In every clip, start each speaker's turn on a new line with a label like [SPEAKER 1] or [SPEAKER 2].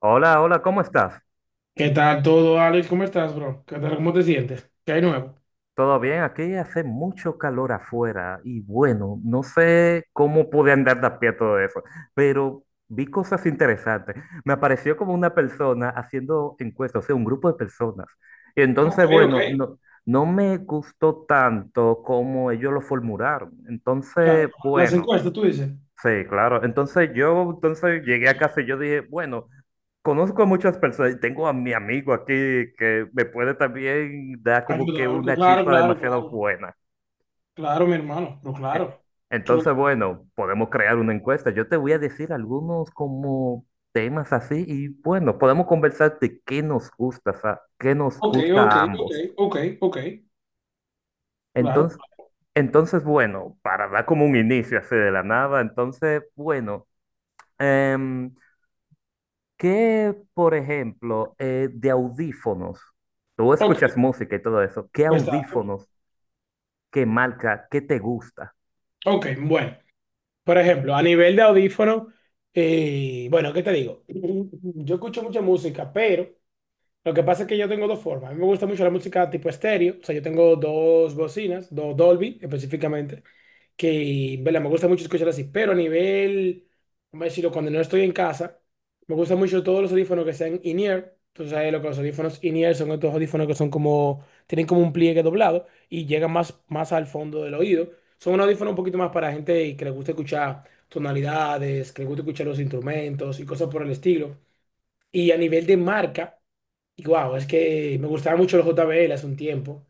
[SPEAKER 1] Hola, hola, ¿cómo estás?
[SPEAKER 2] ¿Qué tal todo, Alex? ¿Cómo estás, bro? ¿Qué tal? ¿Cómo te sientes? ¿Qué hay nuevo?
[SPEAKER 1] ¿Todo bien? Aquí hace mucho calor afuera y bueno, no sé cómo pude andar de a pie a todo eso, pero vi cosas interesantes. Me apareció como una persona haciendo encuestas, o sea, un grupo de personas. Y
[SPEAKER 2] Ok,
[SPEAKER 1] entonces,
[SPEAKER 2] ok.
[SPEAKER 1] bueno, no, no me gustó tanto como ellos lo formularon.
[SPEAKER 2] Claro,
[SPEAKER 1] Entonces,
[SPEAKER 2] las
[SPEAKER 1] bueno,
[SPEAKER 2] encuestas, tú dices.
[SPEAKER 1] sí, claro. Entonces yo, entonces llegué a casa y yo dije, bueno. Conozco a muchas personas y tengo a mi amigo aquí que me puede también dar como que
[SPEAKER 2] Ayuda, ok,
[SPEAKER 1] una
[SPEAKER 2] claro,
[SPEAKER 1] chispa
[SPEAKER 2] claro,
[SPEAKER 1] demasiado
[SPEAKER 2] claro.
[SPEAKER 1] buena.
[SPEAKER 2] Claro, mi hermano, pero
[SPEAKER 1] Eh,
[SPEAKER 2] claro. Solo-
[SPEAKER 1] Entonces, bueno, podemos crear una encuesta. Yo te voy a decir algunos como temas así y bueno, podemos conversar de qué nos gusta, qué nos
[SPEAKER 2] Ok,
[SPEAKER 1] gusta
[SPEAKER 2] ok,
[SPEAKER 1] a ambos.
[SPEAKER 2] ok, ok, ok. Claro,
[SPEAKER 1] Entonces, entonces, bueno, para dar como un inicio así de la nada, entonces, bueno, em, ¿Qué, por ejemplo, de audífonos? Tú
[SPEAKER 2] ok,
[SPEAKER 1] escuchas música y todo eso. ¿Qué
[SPEAKER 2] bastante.
[SPEAKER 1] audífonos, qué marca, qué te gusta?
[SPEAKER 2] Ok, bueno. Por ejemplo, a nivel de audífono, bueno, ¿qué te digo? Yo escucho mucha música, pero lo que pasa es que yo tengo dos formas. A mí me gusta mucho la música tipo estéreo, o sea, yo tengo dos bocinas, dos Dolby específicamente. Que, vela, me gusta mucho escuchar así, pero a nivel, vamos a decirlo, cuando no estoy en casa, me gustan mucho todos los audífonos que sean in-ear. Tú sabes lo que los audífonos in-ear son estos audífonos que son como, tienen como un pliegue doblado y llegan más, más al fondo del oído. Son unos audífonos un poquito más para gente que le gusta escuchar tonalidades, que le gusta escuchar los instrumentos y cosas por el estilo. Y a nivel de marca, y guau, es que me gustaban mucho los JBL hace un tiempo.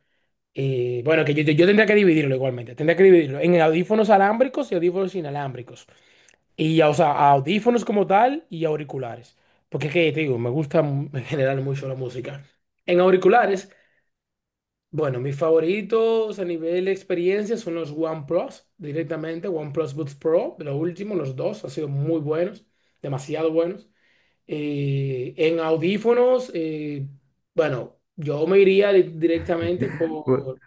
[SPEAKER 2] Bueno, que yo tendría que dividirlo igualmente. Tendría que dividirlo en audífonos alámbricos y audífonos inalámbricos. Y, o sea, audífonos como tal y auriculares. Porque es que, te digo, me gusta en general mucho la música. En auriculares, bueno, mis favoritos a nivel de experiencia son los OnePlus, directamente, OnePlus Buds Pro, de lo último, los dos, han sido muy buenos, demasiado buenos. En audífonos, bueno, yo me iría directamente
[SPEAKER 1] Bu-
[SPEAKER 2] por...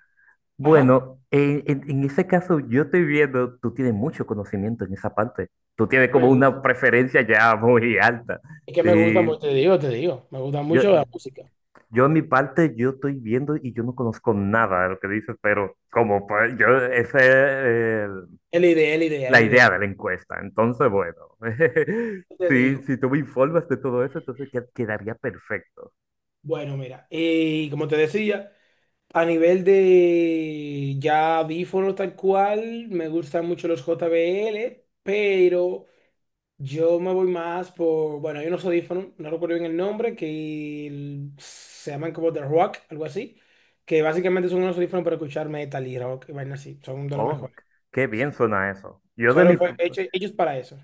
[SPEAKER 2] Ajá.
[SPEAKER 1] Bueno, en ese caso yo estoy viendo, tú tienes mucho conocimiento en esa parte. Tú tienes
[SPEAKER 2] Me
[SPEAKER 1] como
[SPEAKER 2] gusta.
[SPEAKER 1] una preferencia ya muy alta.
[SPEAKER 2] Es que me gusta
[SPEAKER 1] Y
[SPEAKER 2] mucho, te digo, me gusta
[SPEAKER 1] yo,
[SPEAKER 2] mucho la música.
[SPEAKER 1] yo en mi parte, yo estoy viendo y yo no conozco nada de lo que dices, pero como pues, yo, ese,
[SPEAKER 2] Es la idea, es la idea, es
[SPEAKER 1] la
[SPEAKER 2] la
[SPEAKER 1] idea
[SPEAKER 2] idea.
[SPEAKER 1] de la encuesta. Entonces, bueno,
[SPEAKER 2] Te
[SPEAKER 1] sí
[SPEAKER 2] digo.
[SPEAKER 1] si tú me informas de todo eso, entonces que quedaría perfecto.
[SPEAKER 2] Bueno, mira, y como te decía, a nivel de ya audífonos tal cual, me gustan mucho los JBL, pero yo me voy más por, bueno, hay unos audífonos, no recuerdo bien el nombre, que se llaman como The Rock, algo así, que básicamente son unos audífonos para escuchar metal y rock, y vainas así, son de los
[SPEAKER 1] Oh,
[SPEAKER 2] mejores.
[SPEAKER 1] qué bien suena eso. Yo de mi...
[SPEAKER 2] Solo fue hecho- hechos para eso.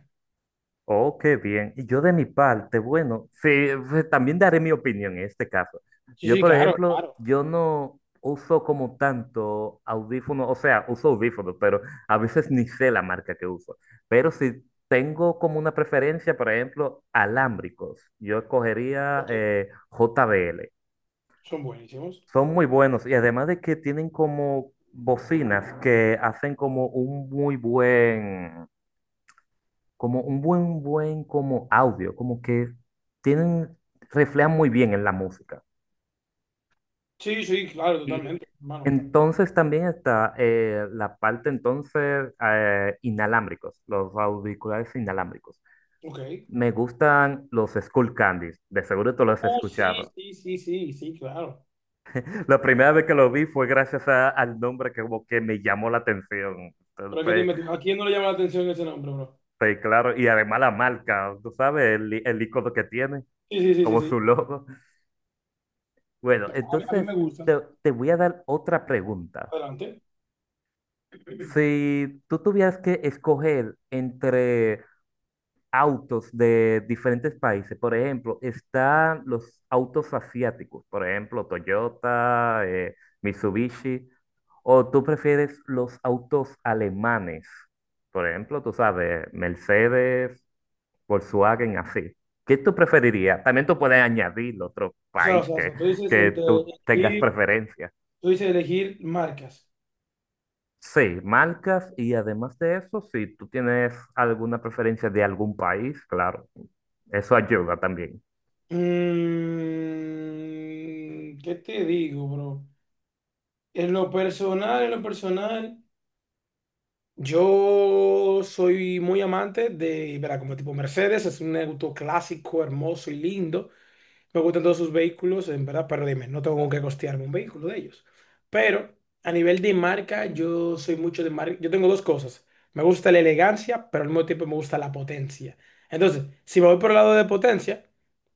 [SPEAKER 1] Oh, qué bien. Y yo de mi parte, bueno, sí, pues, también daré mi opinión en este caso.
[SPEAKER 2] Sí,
[SPEAKER 1] Yo,
[SPEAKER 2] sí,
[SPEAKER 1] por
[SPEAKER 2] claro,
[SPEAKER 1] ejemplo,
[SPEAKER 2] claro.
[SPEAKER 1] yo no uso como tanto audífonos, o sea, uso audífonos, pero a veces ni sé la marca que uso. Pero si tengo como una preferencia, por ejemplo, alámbricos, yo escogería
[SPEAKER 2] Ok.
[SPEAKER 1] JBL.
[SPEAKER 2] Son buenísimos.
[SPEAKER 1] Son muy buenos y además de que tienen como bocinas que hacen como un muy buen, como un buen, buen como audio, como que tienen, reflejan muy bien en la música.
[SPEAKER 2] Sí, sí, claro,
[SPEAKER 1] Y
[SPEAKER 2] totalmente, hermano.
[SPEAKER 1] entonces también está la parte entonces inalámbricos, los auriculares inalámbricos.
[SPEAKER 2] Ok.
[SPEAKER 1] Me gustan los Skull Candies, de seguro tú los has
[SPEAKER 2] Oh, sí,
[SPEAKER 1] escuchado.
[SPEAKER 2] sí, sí, sí, sí, claro.
[SPEAKER 1] La primera vez que lo vi fue gracias al nombre que como que me llamó la atención. Entonces,
[SPEAKER 2] Pero es que
[SPEAKER 1] fue
[SPEAKER 2] dime tú, ¿a quién no le llama la atención ese nombre, bro?
[SPEAKER 1] sí, claro, y además la marca, tú sabes, el icono que tiene,
[SPEAKER 2] Sí, sí, sí, sí,
[SPEAKER 1] como su
[SPEAKER 2] sí.
[SPEAKER 1] logo. Bueno,
[SPEAKER 2] A mí
[SPEAKER 1] entonces
[SPEAKER 2] me gustan.
[SPEAKER 1] te voy a dar otra pregunta.
[SPEAKER 2] Adelante.
[SPEAKER 1] Si tú tuvieras que escoger entre autos de diferentes países, por ejemplo, están los autos asiáticos, por ejemplo, Toyota, Mitsubishi, o tú prefieres los autos alemanes, por ejemplo, tú sabes, Mercedes, Volkswagen así. ¿Qué tú preferirías? También tú puedes añadir otro país
[SPEAKER 2] O sea, tú dices
[SPEAKER 1] que
[SPEAKER 2] entre
[SPEAKER 1] tú tengas
[SPEAKER 2] elegir,
[SPEAKER 1] preferencia.
[SPEAKER 2] tú dices elegir marcas.
[SPEAKER 1] Sí, marcas y además de eso, si tú tienes alguna preferencia de algún país, claro, eso ayuda también.
[SPEAKER 2] Mm, ¿qué te digo, bro? En lo personal, yo soy muy amante de, verá, como tipo Mercedes, es un auto clásico, hermoso y lindo. Me gustan todos sus vehículos, en verdad, pero dime, no tengo con qué costearme un vehículo de ellos. Pero a nivel de marca, yo soy mucho de marca. Yo tengo dos cosas. Me gusta la elegancia, pero al mismo tiempo me gusta la potencia. Entonces, si me voy por el lado de potencia,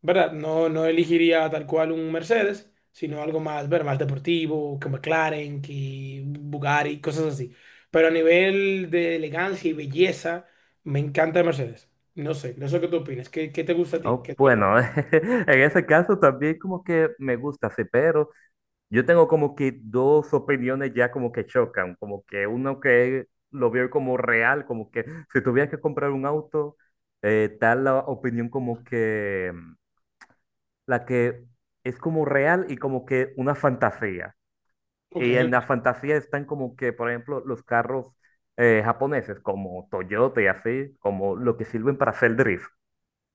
[SPEAKER 2] ¿verdad? No, no elegiría tal cual un Mercedes, sino algo más, ver, más deportivo, que McLaren, que Bugatti, cosas así. Pero a nivel de elegancia y belleza, me encanta Mercedes. No sé qué tú opinas. ¿Qué, qué te gusta a ti?
[SPEAKER 1] Oh,
[SPEAKER 2] ¿Qué tú eliges?
[SPEAKER 1] bueno, en ese caso también como que me gusta, sí, pero yo tengo como que dos opiniones ya como que chocan, como que uno que lo veo como real, como que si tuviera que comprar un auto, tal la opinión como que la que es como real y como que una fantasía.
[SPEAKER 2] Ok,
[SPEAKER 1] Y en la fantasía están como que, por ejemplo, los carros japoneses como Toyota y así, como lo que sirven para hacer drift.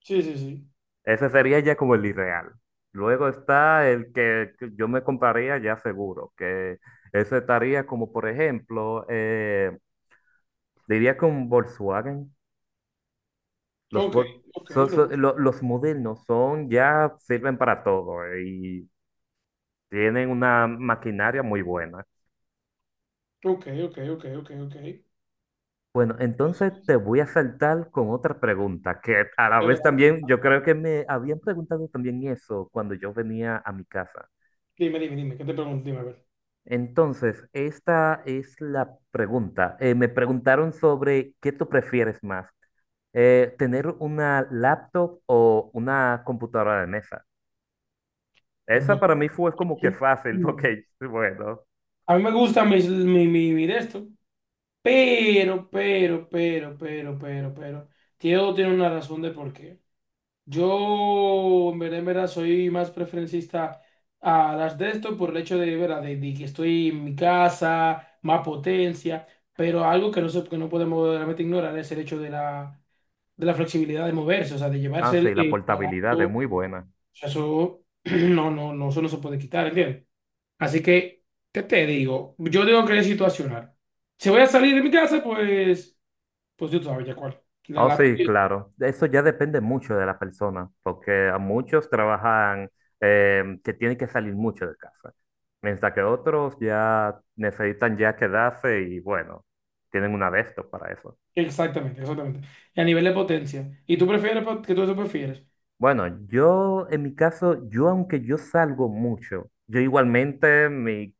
[SPEAKER 2] sí, sí, sí.
[SPEAKER 1] Ese sería ya como el irreal. Luego está el que yo me compraría ya seguro, que ese estaría como, por ejemplo, diría con Volkswagen. Los,
[SPEAKER 2] Ok, ok, lo puse.
[SPEAKER 1] Los modernos son, ya sirven para todo y tienen una maquinaria muy buena.
[SPEAKER 2] Ok, ok, ok, ok, ok.
[SPEAKER 1] Bueno,
[SPEAKER 2] Así
[SPEAKER 1] entonces te voy a saltar con otra pregunta, que a la
[SPEAKER 2] que
[SPEAKER 1] vez
[SPEAKER 2] adelante.
[SPEAKER 1] también yo creo que me habían preguntado también eso cuando yo venía a mi casa.
[SPEAKER 2] Dime, ¿qué te pregunto? Dime, a ver.
[SPEAKER 1] Entonces, esta es la pregunta. Me preguntaron sobre qué tú prefieres más, tener una laptop o una computadora de mesa. Esa
[SPEAKER 2] Bueno.
[SPEAKER 1] para mí fue como que fácil,
[SPEAKER 2] Mm.
[SPEAKER 1] porque, bueno,
[SPEAKER 2] A mí me gusta mi de esto, pero. Todo tiene una razón de por qué. Yo, en verdad, soy más preferencista a las de esto por el hecho de, ¿verdad? De que estoy en mi casa, más potencia, pero algo que que no podemos realmente ignorar es el hecho de de la flexibilidad de moverse, o sea, de
[SPEAKER 1] ah,
[SPEAKER 2] llevarse
[SPEAKER 1] sí, la
[SPEAKER 2] el aparato,
[SPEAKER 1] portabilidad es
[SPEAKER 2] o
[SPEAKER 1] muy buena.
[SPEAKER 2] sea, eso no, eso no se puede quitar, ¿entiendes? Así que, ¿qué te digo? Yo digo que es situacional. Si voy a salir de mi casa, pues, pues yo sabía cuál. La
[SPEAKER 1] Ah,
[SPEAKER 2] laptop.
[SPEAKER 1] sí, claro. Eso ya depende mucho de la persona, porque a muchos trabajan que tienen que salir mucho de casa, mientras que otros ya necesitan ya quedarse y, bueno, tienen una de estos para eso.
[SPEAKER 2] Exactamente, exactamente. Y a nivel de potencia. ¿Y tú prefieres, que tú eso prefieres?
[SPEAKER 1] Bueno, yo en mi caso, yo aunque yo salgo mucho, yo igualmente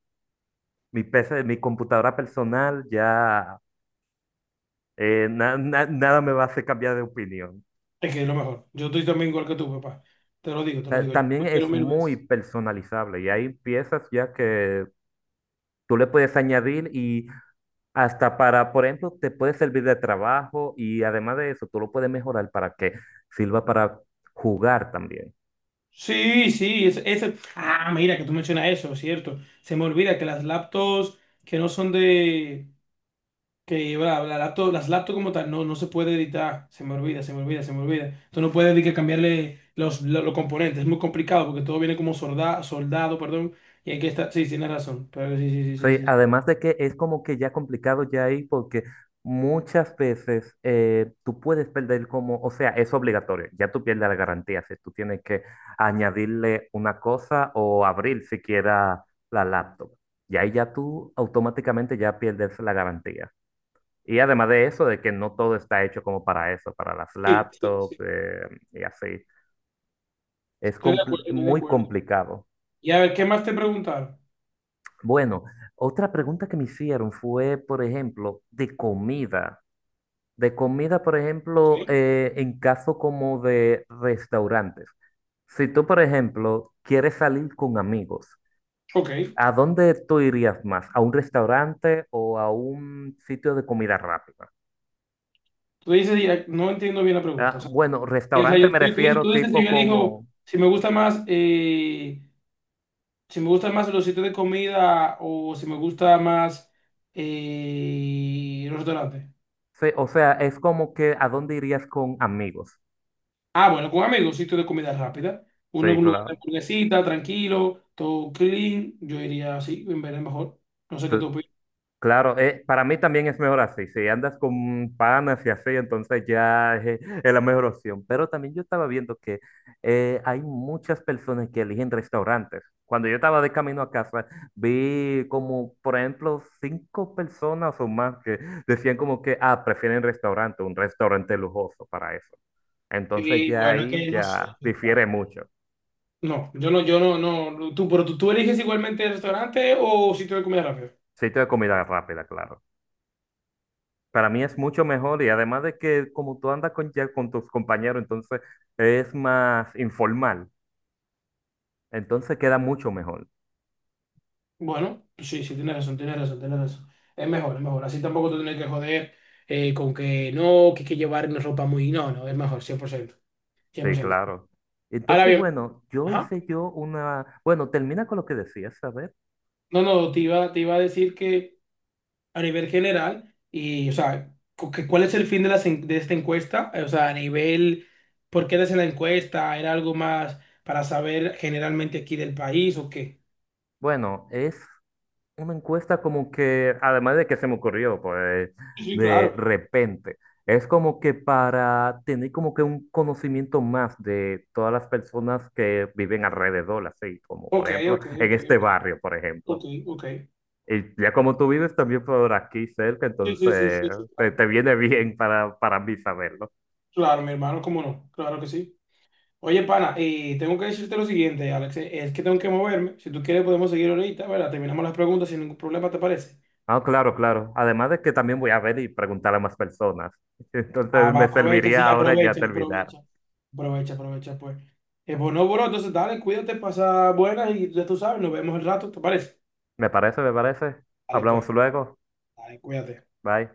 [SPEAKER 1] mi PC, mi computadora personal ya nada me va a hacer cambiar de opinión.
[SPEAKER 2] Es que es lo mejor. Yo estoy también igual que tú, papá. Te lo digo. Yo
[SPEAKER 1] También
[SPEAKER 2] prefiero
[SPEAKER 1] es
[SPEAKER 2] mil
[SPEAKER 1] muy
[SPEAKER 2] veces.
[SPEAKER 1] personalizable y hay piezas ya que tú le puedes añadir y hasta para, por ejemplo, te puede servir de trabajo y además de eso, tú lo puedes mejorar para que sirva para jugar también.
[SPEAKER 2] Sí, sí, ese- Ah, mira, que tú mencionas eso, ¿cierto? Se me olvida que las laptops que no son de... Que bla, bla, las laptops como tal no, no se puede editar. Se me olvida. Tú no puedes ni que cambiarle los componentes. Es muy complicado porque todo viene como soldado, perdón. Y hay que estar... Sí, tienes razón. Pero sí, sí, sí,
[SPEAKER 1] Sí,
[SPEAKER 2] sí, sí.
[SPEAKER 1] además de que es como que ya complicado ya ahí porque muchas veces tú puedes perder como, o sea, es obligatorio, ya tú pierdes la garantía si tú tienes que añadirle una cosa o abrir siquiera la laptop. Y ahí ya tú automáticamente ya pierdes la garantía. Y además de eso, de que no todo está hecho como para eso, para las
[SPEAKER 2] Sí, sí,
[SPEAKER 1] laptops y así. Es
[SPEAKER 2] estoy de acuerdo, estoy de
[SPEAKER 1] muy
[SPEAKER 2] acuerdo.
[SPEAKER 1] complicado.
[SPEAKER 2] Y a ver, ¿qué más te preguntaron?
[SPEAKER 1] Bueno, otra pregunta que me hicieron fue, por ejemplo, de comida. De comida, por
[SPEAKER 2] Ok,
[SPEAKER 1] ejemplo, en caso como de restaurantes. Si tú, por ejemplo, quieres salir con amigos,
[SPEAKER 2] ok.
[SPEAKER 1] ¿a dónde tú irías más? ¿A un restaurante o a un sitio de comida rápida?
[SPEAKER 2] Tú dices, ya- no entiendo bien la pregunta. O
[SPEAKER 1] Ah,
[SPEAKER 2] sea,
[SPEAKER 1] bueno,
[SPEAKER 2] que, o sea,
[SPEAKER 1] restaurante
[SPEAKER 2] yo-
[SPEAKER 1] me
[SPEAKER 2] tú,
[SPEAKER 1] refiero
[SPEAKER 2] tú dices si
[SPEAKER 1] tipo
[SPEAKER 2] yo elijo,
[SPEAKER 1] como,
[SPEAKER 2] si me gusta más, si me gustan más los sitios de comida o si me gusta más los restaurantes.
[SPEAKER 1] sí, o sea, es como que ¿a dónde irías con amigos?
[SPEAKER 2] Ah, bueno, con amigos, sitios de comida rápida. Uno
[SPEAKER 1] Sí,
[SPEAKER 2] en un lugar de
[SPEAKER 1] claro.
[SPEAKER 2] hamburguesita, tranquilo, todo clean. Yo iría así, en vez de mejor. No sé
[SPEAKER 1] Sí.
[SPEAKER 2] qué tú opinas.
[SPEAKER 1] Claro, para mí también es mejor así. Si andas con panas y así, entonces ya es la mejor opción. Pero también yo estaba viendo que hay muchas personas que eligen restaurantes. Cuando yo estaba de camino a casa, vi como, por ejemplo, 5 personas o más que decían como que, ah, prefieren restaurante, un restaurante lujoso para eso. Entonces
[SPEAKER 2] Y
[SPEAKER 1] ya
[SPEAKER 2] bueno, es
[SPEAKER 1] ahí
[SPEAKER 2] que no sé.
[SPEAKER 1] ya difiere mucho.
[SPEAKER 2] No, yo no, yo no, No. Pero tú, tú eliges igualmente el restaurante o sitio de comida rápida.
[SPEAKER 1] Sitio de comida rápida, claro. Para mí es mucho mejor y además de que como tú andas con, ya con tus compañeros, entonces es más informal, entonces queda mucho mejor.
[SPEAKER 2] Bueno, sí, sí, tienes razón. Es mejor, es mejor. Así tampoco te tienes que joder con que no, que hay que llevar una ropa muy. No, no, es mejor, cien por
[SPEAKER 1] Sí,
[SPEAKER 2] ciento.
[SPEAKER 1] claro.
[SPEAKER 2] Ahora
[SPEAKER 1] Entonces,
[SPEAKER 2] bien,
[SPEAKER 1] bueno, yo
[SPEAKER 2] ajá.
[SPEAKER 1] hice yo una, bueno, termina con lo que decías, a ver.
[SPEAKER 2] No, te iba a decir que a nivel general, o sea, ¿cuál es el fin de, de esta encuesta? O sea, a nivel. ¿Por qué eres en la encuesta? ¿Era algo más para saber generalmente aquí del país o qué?
[SPEAKER 1] Bueno, es una encuesta como que, además de que se me ocurrió, pues,
[SPEAKER 2] Sí,
[SPEAKER 1] de
[SPEAKER 2] claro.
[SPEAKER 1] repente, es como que para tener como que un conocimiento más de todas las personas que viven alrededor, así como, por
[SPEAKER 2] Ok,
[SPEAKER 1] ejemplo,
[SPEAKER 2] ok,
[SPEAKER 1] en
[SPEAKER 2] ok,
[SPEAKER 1] este barrio, por ejemplo.
[SPEAKER 2] ok, ok.
[SPEAKER 1] Y ya como tú vives también por aquí cerca,
[SPEAKER 2] Sí, sí, sí,
[SPEAKER 1] entonces
[SPEAKER 2] sí, sí, claro.
[SPEAKER 1] te viene bien para mí saberlo.
[SPEAKER 2] Claro, mi hermano, cómo no, claro que sí. Oye, pana, tengo que decirte lo siguiente, Alex, es que tengo que moverme. Si tú quieres podemos seguir ahorita, ¿verdad? Terminamos las preguntas sin ningún problema, ¿te parece?
[SPEAKER 1] Ah, claro, claro. Además de que también voy a ver y preguntar a más personas.
[SPEAKER 2] Ah,
[SPEAKER 1] Entonces
[SPEAKER 2] va,
[SPEAKER 1] me
[SPEAKER 2] aprovecha, sí,
[SPEAKER 1] serviría ahora ya terminar.
[SPEAKER 2] aprovecha. Aprovecha, pues. Pues no, bro, entonces dale, cuídate, pasa buenas y ya tú sabes, nos vemos el rato, ¿te parece?
[SPEAKER 1] ¿Me parece? ¿Me parece?
[SPEAKER 2] Dale, pues,
[SPEAKER 1] Hablamos luego.
[SPEAKER 2] dale, cuídate.
[SPEAKER 1] Bye.